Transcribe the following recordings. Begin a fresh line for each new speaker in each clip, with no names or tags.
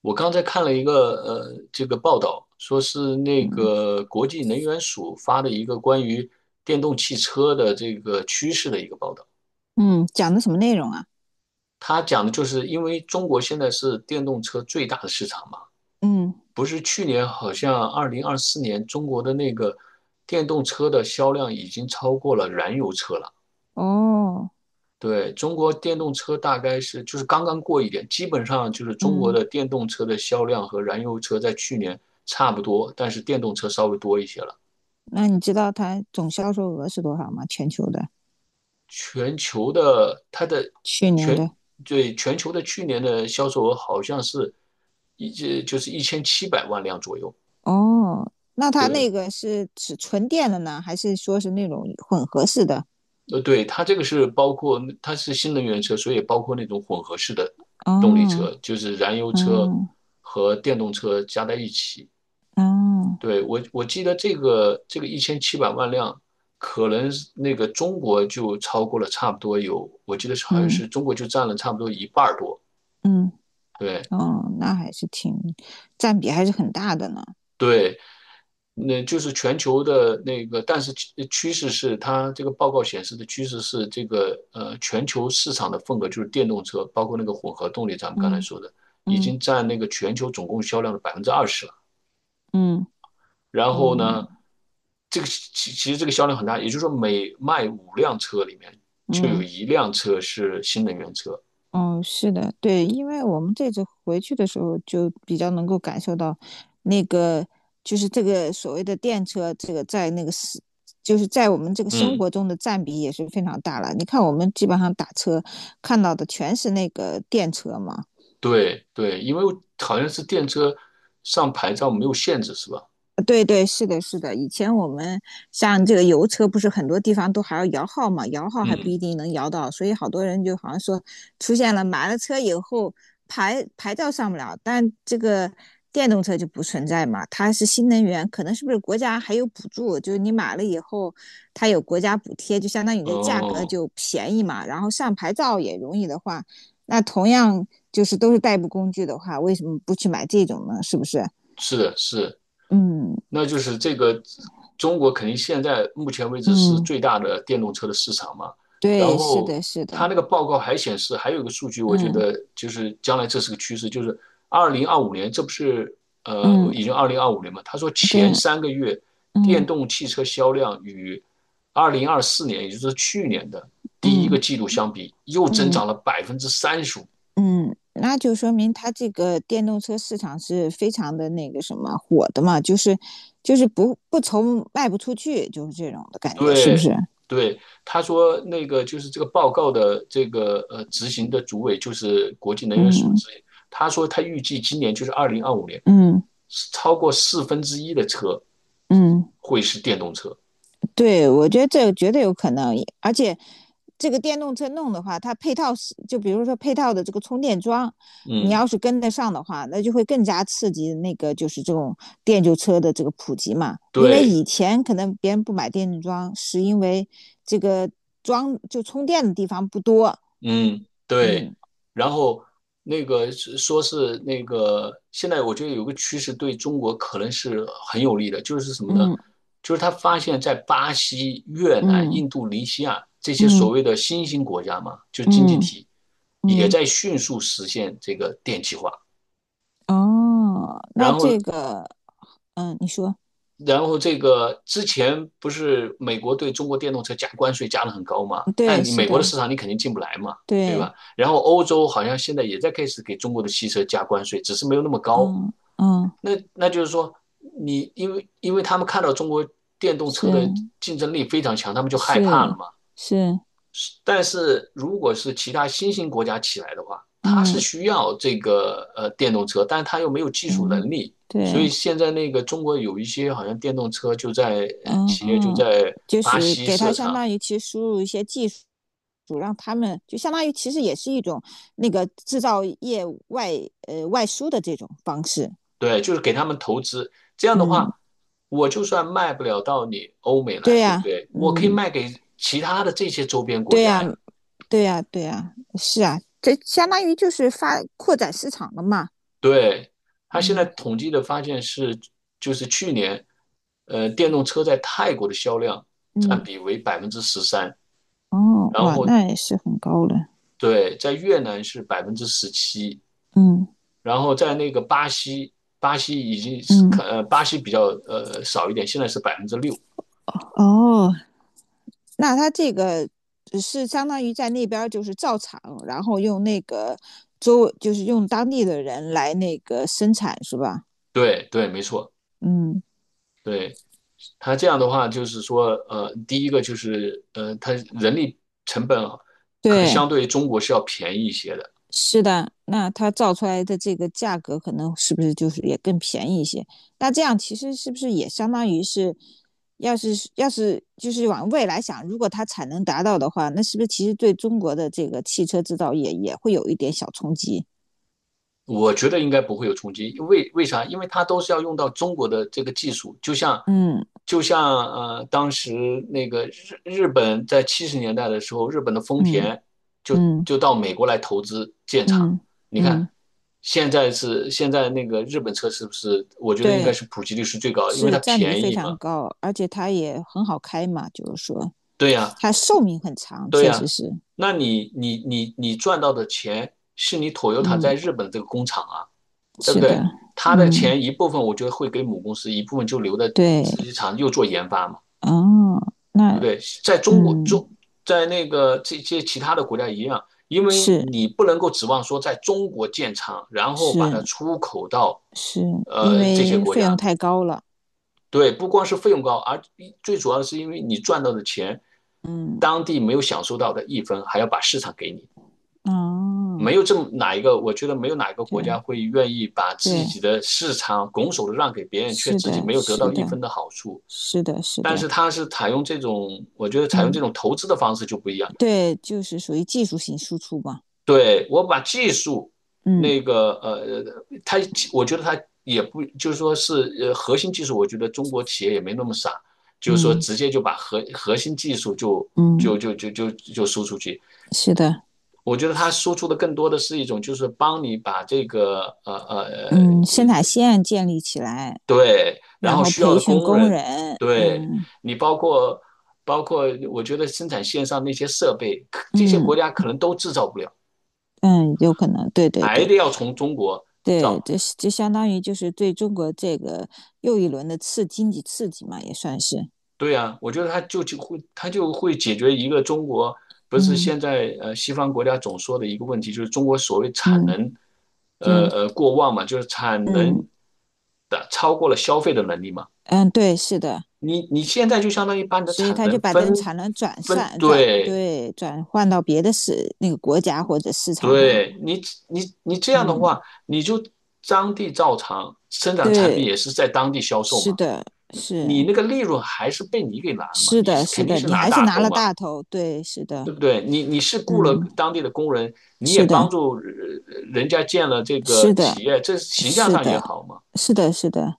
我刚才看了这个报道，说是那
嗯
个国际能源署发的一个关于电动汽车的这个趋势的一个报道。
嗯，讲的什么内容啊？
他讲的就是因为中国现在是电动车最大的市场嘛，
嗯。
不是去年好像二零二四年中国的那个电动车的销量已经超过了燃油车了。
哦。
对，中国电动车大概就是刚刚过一点，基本上就是中国
嗯。
的电动车的销量和燃油车在去年差不多，但是电动车稍微多一些了。
那你知道它总销售额是多少吗？全球的，
全球的它的
去年
全
的。
对，全球的去年的销售额好像是一就是一千七百万辆左右。
哦，那它
对，
那个是指纯电的呢，还是说是那种混合式的？
对，它这个是包括它是新能源车，所以包括那种混合式的动力车，
哦。
就是燃油车
嗯。
和电动车加在一起。
哦。
对，我记得这个一千七百万辆，可能是那个中国就超过了差不多有，我记得是好像
嗯
是中国就占了差不多一半儿多。
嗯。
对
哦，那还是占比还是很大的呢。
对，那就是全球的那个，但是趋势是它这个报告显示的趋势是这个全球市场的份额就是电动车，包括那个混合动力，咱们刚才
嗯
说的，已
嗯
经占那个全球总共销量的20%了。
嗯
然后呢，
嗯
这个其实这个销量很大，也就是说每卖五辆车里面就有
嗯
一辆车是新能源车。
嗯，是的，对，因为我们这次回去的时候就比较能够感受到，那个就是这个所谓的电车，这个在那个是就是在我们这个生
嗯，
活中的占比也是非常大了。你看，我们基本上打车看到的全是那个电车嘛。
对对，因为好像是电车上牌照没有限制是吧？
对对，是的，是的。以前我们像这个油车，不是很多地方都还要摇号嘛，摇号还不一
嗯，
定能摇到，所以好多人就好像说出现了买了车以后牌照上不了，但这个电动车就不存在嘛，它是新能源，可能是不是国家还有补助，就是你买了以后它有国家补贴，就相当于你的价格
哦，
就便宜嘛，然后上牌照也容易的话，那同样就是都是代步工具的话，为什么不去买这种呢？是不是？
是的，是的。
嗯
那就是这个中国肯定现在目前为止是
嗯。
最大的电动车的市场嘛。然
对，是
后
的，是
他
的。
那个报告还显示，还有一个数据，我觉
嗯
得就是将来这是个趋势，就是二零二五年，这不是
嗯，
已经二零二五年嘛？他说前
对。
三个月电
嗯
动汽车销量与二零二四年，也就是去年的第一个
嗯
季度相比，又增
嗯
长了35%。
嗯，那就说明它这个电动车市场是非常的那个什么火的嘛，就是就是不愁卖不出去，就是这种的感觉，是不
对
是？
对，他说那个就是这个报告的这个执行的主委就是国际能源署
嗯
之一，他说他预计今年就是二零二五年，
嗯
超过四分之一的车
嗯。
会是电动车。
对，我觉得这个绝对有可能，而且这个电动车弄的话，它配套是就比如说配套的这个充电桩，你
嗯，
要是跟得上的话，那就会更加刺激那个就是这种电车的这个普及嘛。因为
对，
以前可能别人不买电动桩，是因为这个充电的地方不多。
嗯，对。
嗯
然后那个是说是那个，现在我觉得有个趋势对中国可能是很有利的，就是什么呢？
嗯
就是他发现，在巴西、越南、
嗯
印度尼西亚这些所
嗯
谓的新兴国家嘛，就经济
嗯
体，也
嗯。
在迅速实现这个电气化。
哦，
然
那
后
这个嗯，你说
这个之前不是美国对中国电动车加关税加的很高嘛？那
对，
你
是
美国的
的。
市场你肯定进不来嘛，对
对。
吧？然后欧洲好像现在也在开始给中国的汽车加关税，只是没有那么高。
嗯嗯。
那就是说，你因为他们看到中国电动
是。
车的竞争力非常强，他们就害怕了
是
嘛。
是。
但是如果是其他新兴国家起来的话，它是
嗯
需要这个电动车，但是它又没有技术
嗯，
能力，所以
对。
现在那个中国有一些好像电动车就在
嗯。
企业就
嗯。
在
就
巴
是
西
给
设
他相
厂，
当于其实输入一些技术，让他们就相当于其实也是一种那个制造业外输的这种方式。
对，就是给他们投资。这样的
嗯。
话，我就算卖不了到你欧美来，
对
对不
呀，
对？我可以
嗯，
卖给其他的这些周边国
对
家
呀，
呀。
对呀，对呀，是啊，这相当于就是扩展市场了嘛。
对，他现在
嗯
统计的发现是，就是去年，电动车在泰国的销量占
嗯。
比为13%，
哦，
然
哇，
后
那也是很高了。
对，在越南是17%，
嗯
然后在那个巴西，巴西已经是
嗯。
看，呃，巴西比较少一点，现在是6%。
哦。那它这个是相当于在那边就是造厂，然后用那个就是用当地的人来那个生产是吧？
对对，没错，
嗯，
对。他这样的话，就是说，第一个就是，他人力成本啊可能
对，
相对于中国是要便宜一些的。
是的。那它造出来的这个价格可能是不是就是也更便宜一些？那这样其实是不是也相当于是，要是就是往未来想，如果它产能达到的话，那是不是其实对中国的这个汽车制造业也会有一点小冲击？
我觉得应该不会有冲击，为啥？因为它都是要用到中国的这个技术，就像
嗯
就像当时那个日本在70年代的时候，日本的丰
嗯
田就
嗯
就到美国来投资建厂。
嗯
你看，
嗯，
现在那个日本车是不是？我觉得应该
对。
是普及率是最高的，因为
是
它
占比
便
非
宜
常
嘛。
高，而且它也很好开嘛，就是说
对呀，
它寿命很长，
对
确实
呀。
是。
那你赚到的钱是你 Toyota
嗯，
在日本这个工厂啊。对不
是的。
对？他的
嗯，
钱一部分我觉得会给母公司，一部分就留在
对。
自己厂又做研发嘛，
哦，
对
那
不对？在中国中，
嗯，
在那个这些其他的国家一样，因为
是
你不能够指望说在中国建厂，然后把
是
它出口到
是，因
这些
为
国
费用
家。
太高了。
对，不光是费用高，而最主要的是因为你赚到的钱，
嗯。
当地没有享受到的一分，还要把市场给你。
哦，
没有这么哪一个，我觉得没有哪一个国家
对
会愿意把自己
对，
的市场拱手的让给别人，却
是
自己
的，
没有得
是
到一
的，
分的好处。
是的，是
但是
的。
它是采用这种，我觉得采用
嗯，
这种投资的方式就不一样。
对，就是属于技术性输出嘛。
对，我把技术
嗯
那个它我觉得它也不就是说是核心技术，我觉得中国企业也没那么傻，就是说
嗯
直接就把核心技术就
嗯，
就就就就就输出去。
是的。
我觉得它输出的更多的是一种，就是帮你把这个。
嗯，生产线建立起来。
对，然
然
后
后
需要
培
的
训
工
工
人。
人，
对，
嗯
你包括，我觉得生产线上那些设备，可这些
嗯
国家可能都制造不了，
嗯，有可能，对对
还
对
得要从中国
对。
造。
这相当于就是对中国这个又一轮的经济刺激嘛，也算是。
对啊，我觉得它就会解决一个中国不是
嗯
现在西方国家总说的一个问题，就是中国所谓产
嗯，
能
对。
过旺嘛，就是产
嗯
能的超过了消费的能力嘛。
嗯，对，是的，
你现在就相当于把你的
所以
产
他就
能
把这个
分
产能转
分
散转
对
对转换到别的那个国家或者市场上。
对你，你这样的
嗯，
话，你就当地照常生产的产品
对，
也是在当地销售
是
嘛，
的。是
你那个利润还是被你给拿了嘛，
是
你
的，
是
是
肯定
的，
是
你
拿
还是
大
拿
头
了
嘛，
大头，对，是
对
的。
不对？你是雇了
嗯，
当地的工人，你也
是
帮
的，
助人家建了这个
是的。
企业，这形象
是
上也
的，
好嘛。
是的，是的，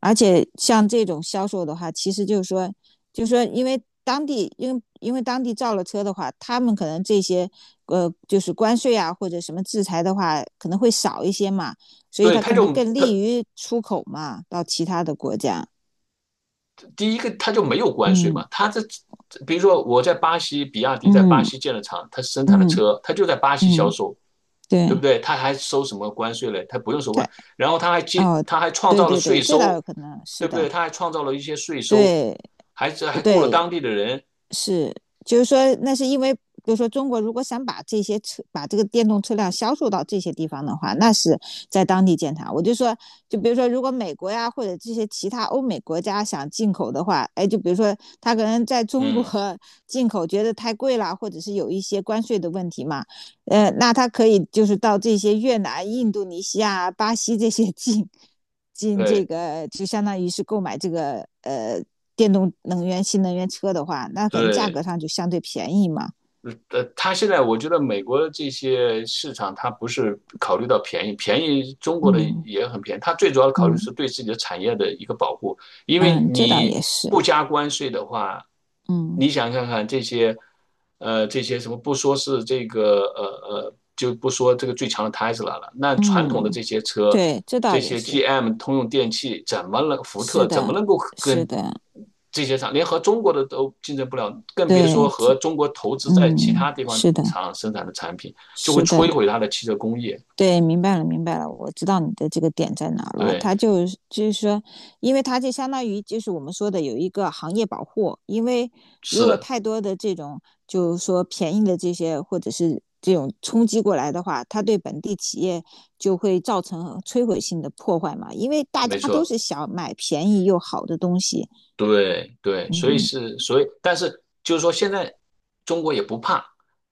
而且像这种销售的话，其实就是说，就是说，因为当地，因为当地造了车的话，他们可能这些就是关税啊或者什么制裁的话，可能会少一些嘛，所以
对，
它
他
可能
就
更
他
利于出口嘛，到其他的国家。
第一个他就没有关税
嗯
嘛。比如说我在巴西，比亚迪在巴
嗯
西建了厂，他生产的
嗯
车，他就在巴西销
嗯，
售，对不
对。
对？他还收什么关税嘞？他不用收
它
关，然后
哦，
他还创
对
造了
对对，
税
这倒有
收，
可能，是
对不对？
的。
他还创造了一些税收，
对
还雇了
对，
当地的人，
是，就是说，那是因为，比如说，中国如果想把这些车，把这个电动车辆销售到这些地方的话，那是在当地建厂。我就说，就比如说，如果美国呀或者这些其他欧美国家想进口的话，哎，就比如说他可能在中国
嗯，
进口觉得太贵了，或者是有一些关税的问题嘛，那他可以就是到这些越南、印度尼西亚、巴西这些 进这
对
个，就相当于是购买这个电动能源、新能源车的话，那可能价
对。
格上就相对便宜嘛。
他现在我觉得美国这些市场，它不是考虑到便宜，便宜中国的
嗯
也很便宜，它最主要的考虑
嗯
是对自己的产业的一个保护，因为
嗯，这倒
你
也是。
不加关税的话，
嗯
你想看看这些，这些什么不说是这个，就不说这个最强的 Tesla 了，那传统的这
嗯，
些车，
对，这
这
倒也
些
是。
GM、通用电器怎么能，福
是
特怎么
的，
能够
是
跟
的，
这些厂，连和中国的都竞争不了，更别说
对，这
和中国投资在其他
嗯，
地方
是的，
厂生产的产品，就会
是
摧
的。
毁它的汽车工业。
对，明白了，明白了，我知道你的这个点在哪了。
对，
它就是说，因为它就相当于就是我们说的有一个行业保护，因为如
是
果
的，
太多的这种就是说便宜的这些或者是这种冲击过来的话，它对本地企业就会造成摧毁性的破坏嘛。因为大家
没
都
错，
是想买便宜又好的东西，
对对，所以
嗯
是所以，但是就是说，现在中国也不怕，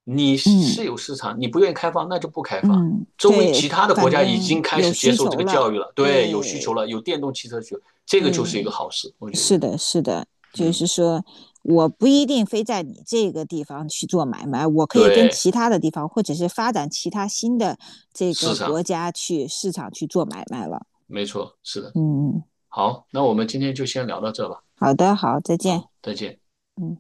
你
嗯
是有市场，你不愿意开放，那就不开放。
嗯，
周围
对，
其他的国
反
家已
正
经开
有
始接
需
受这
求
个
了，
教育了，对，有需求
对
了，有电动汽车需求，这个就
对。
是一个好事，我觉得，
是的，是的，就
嗯，
是说，我不一定非在你这个地方去做买卖，我可以跟
对，
其他的地方，或者是发展其他新的这
市
个
场
国家去市场去做买卖了。
没错，是的。
嗯，
好，那我们今天就先聊到这吧。
好的，好，再见。
好，再见。
嗯。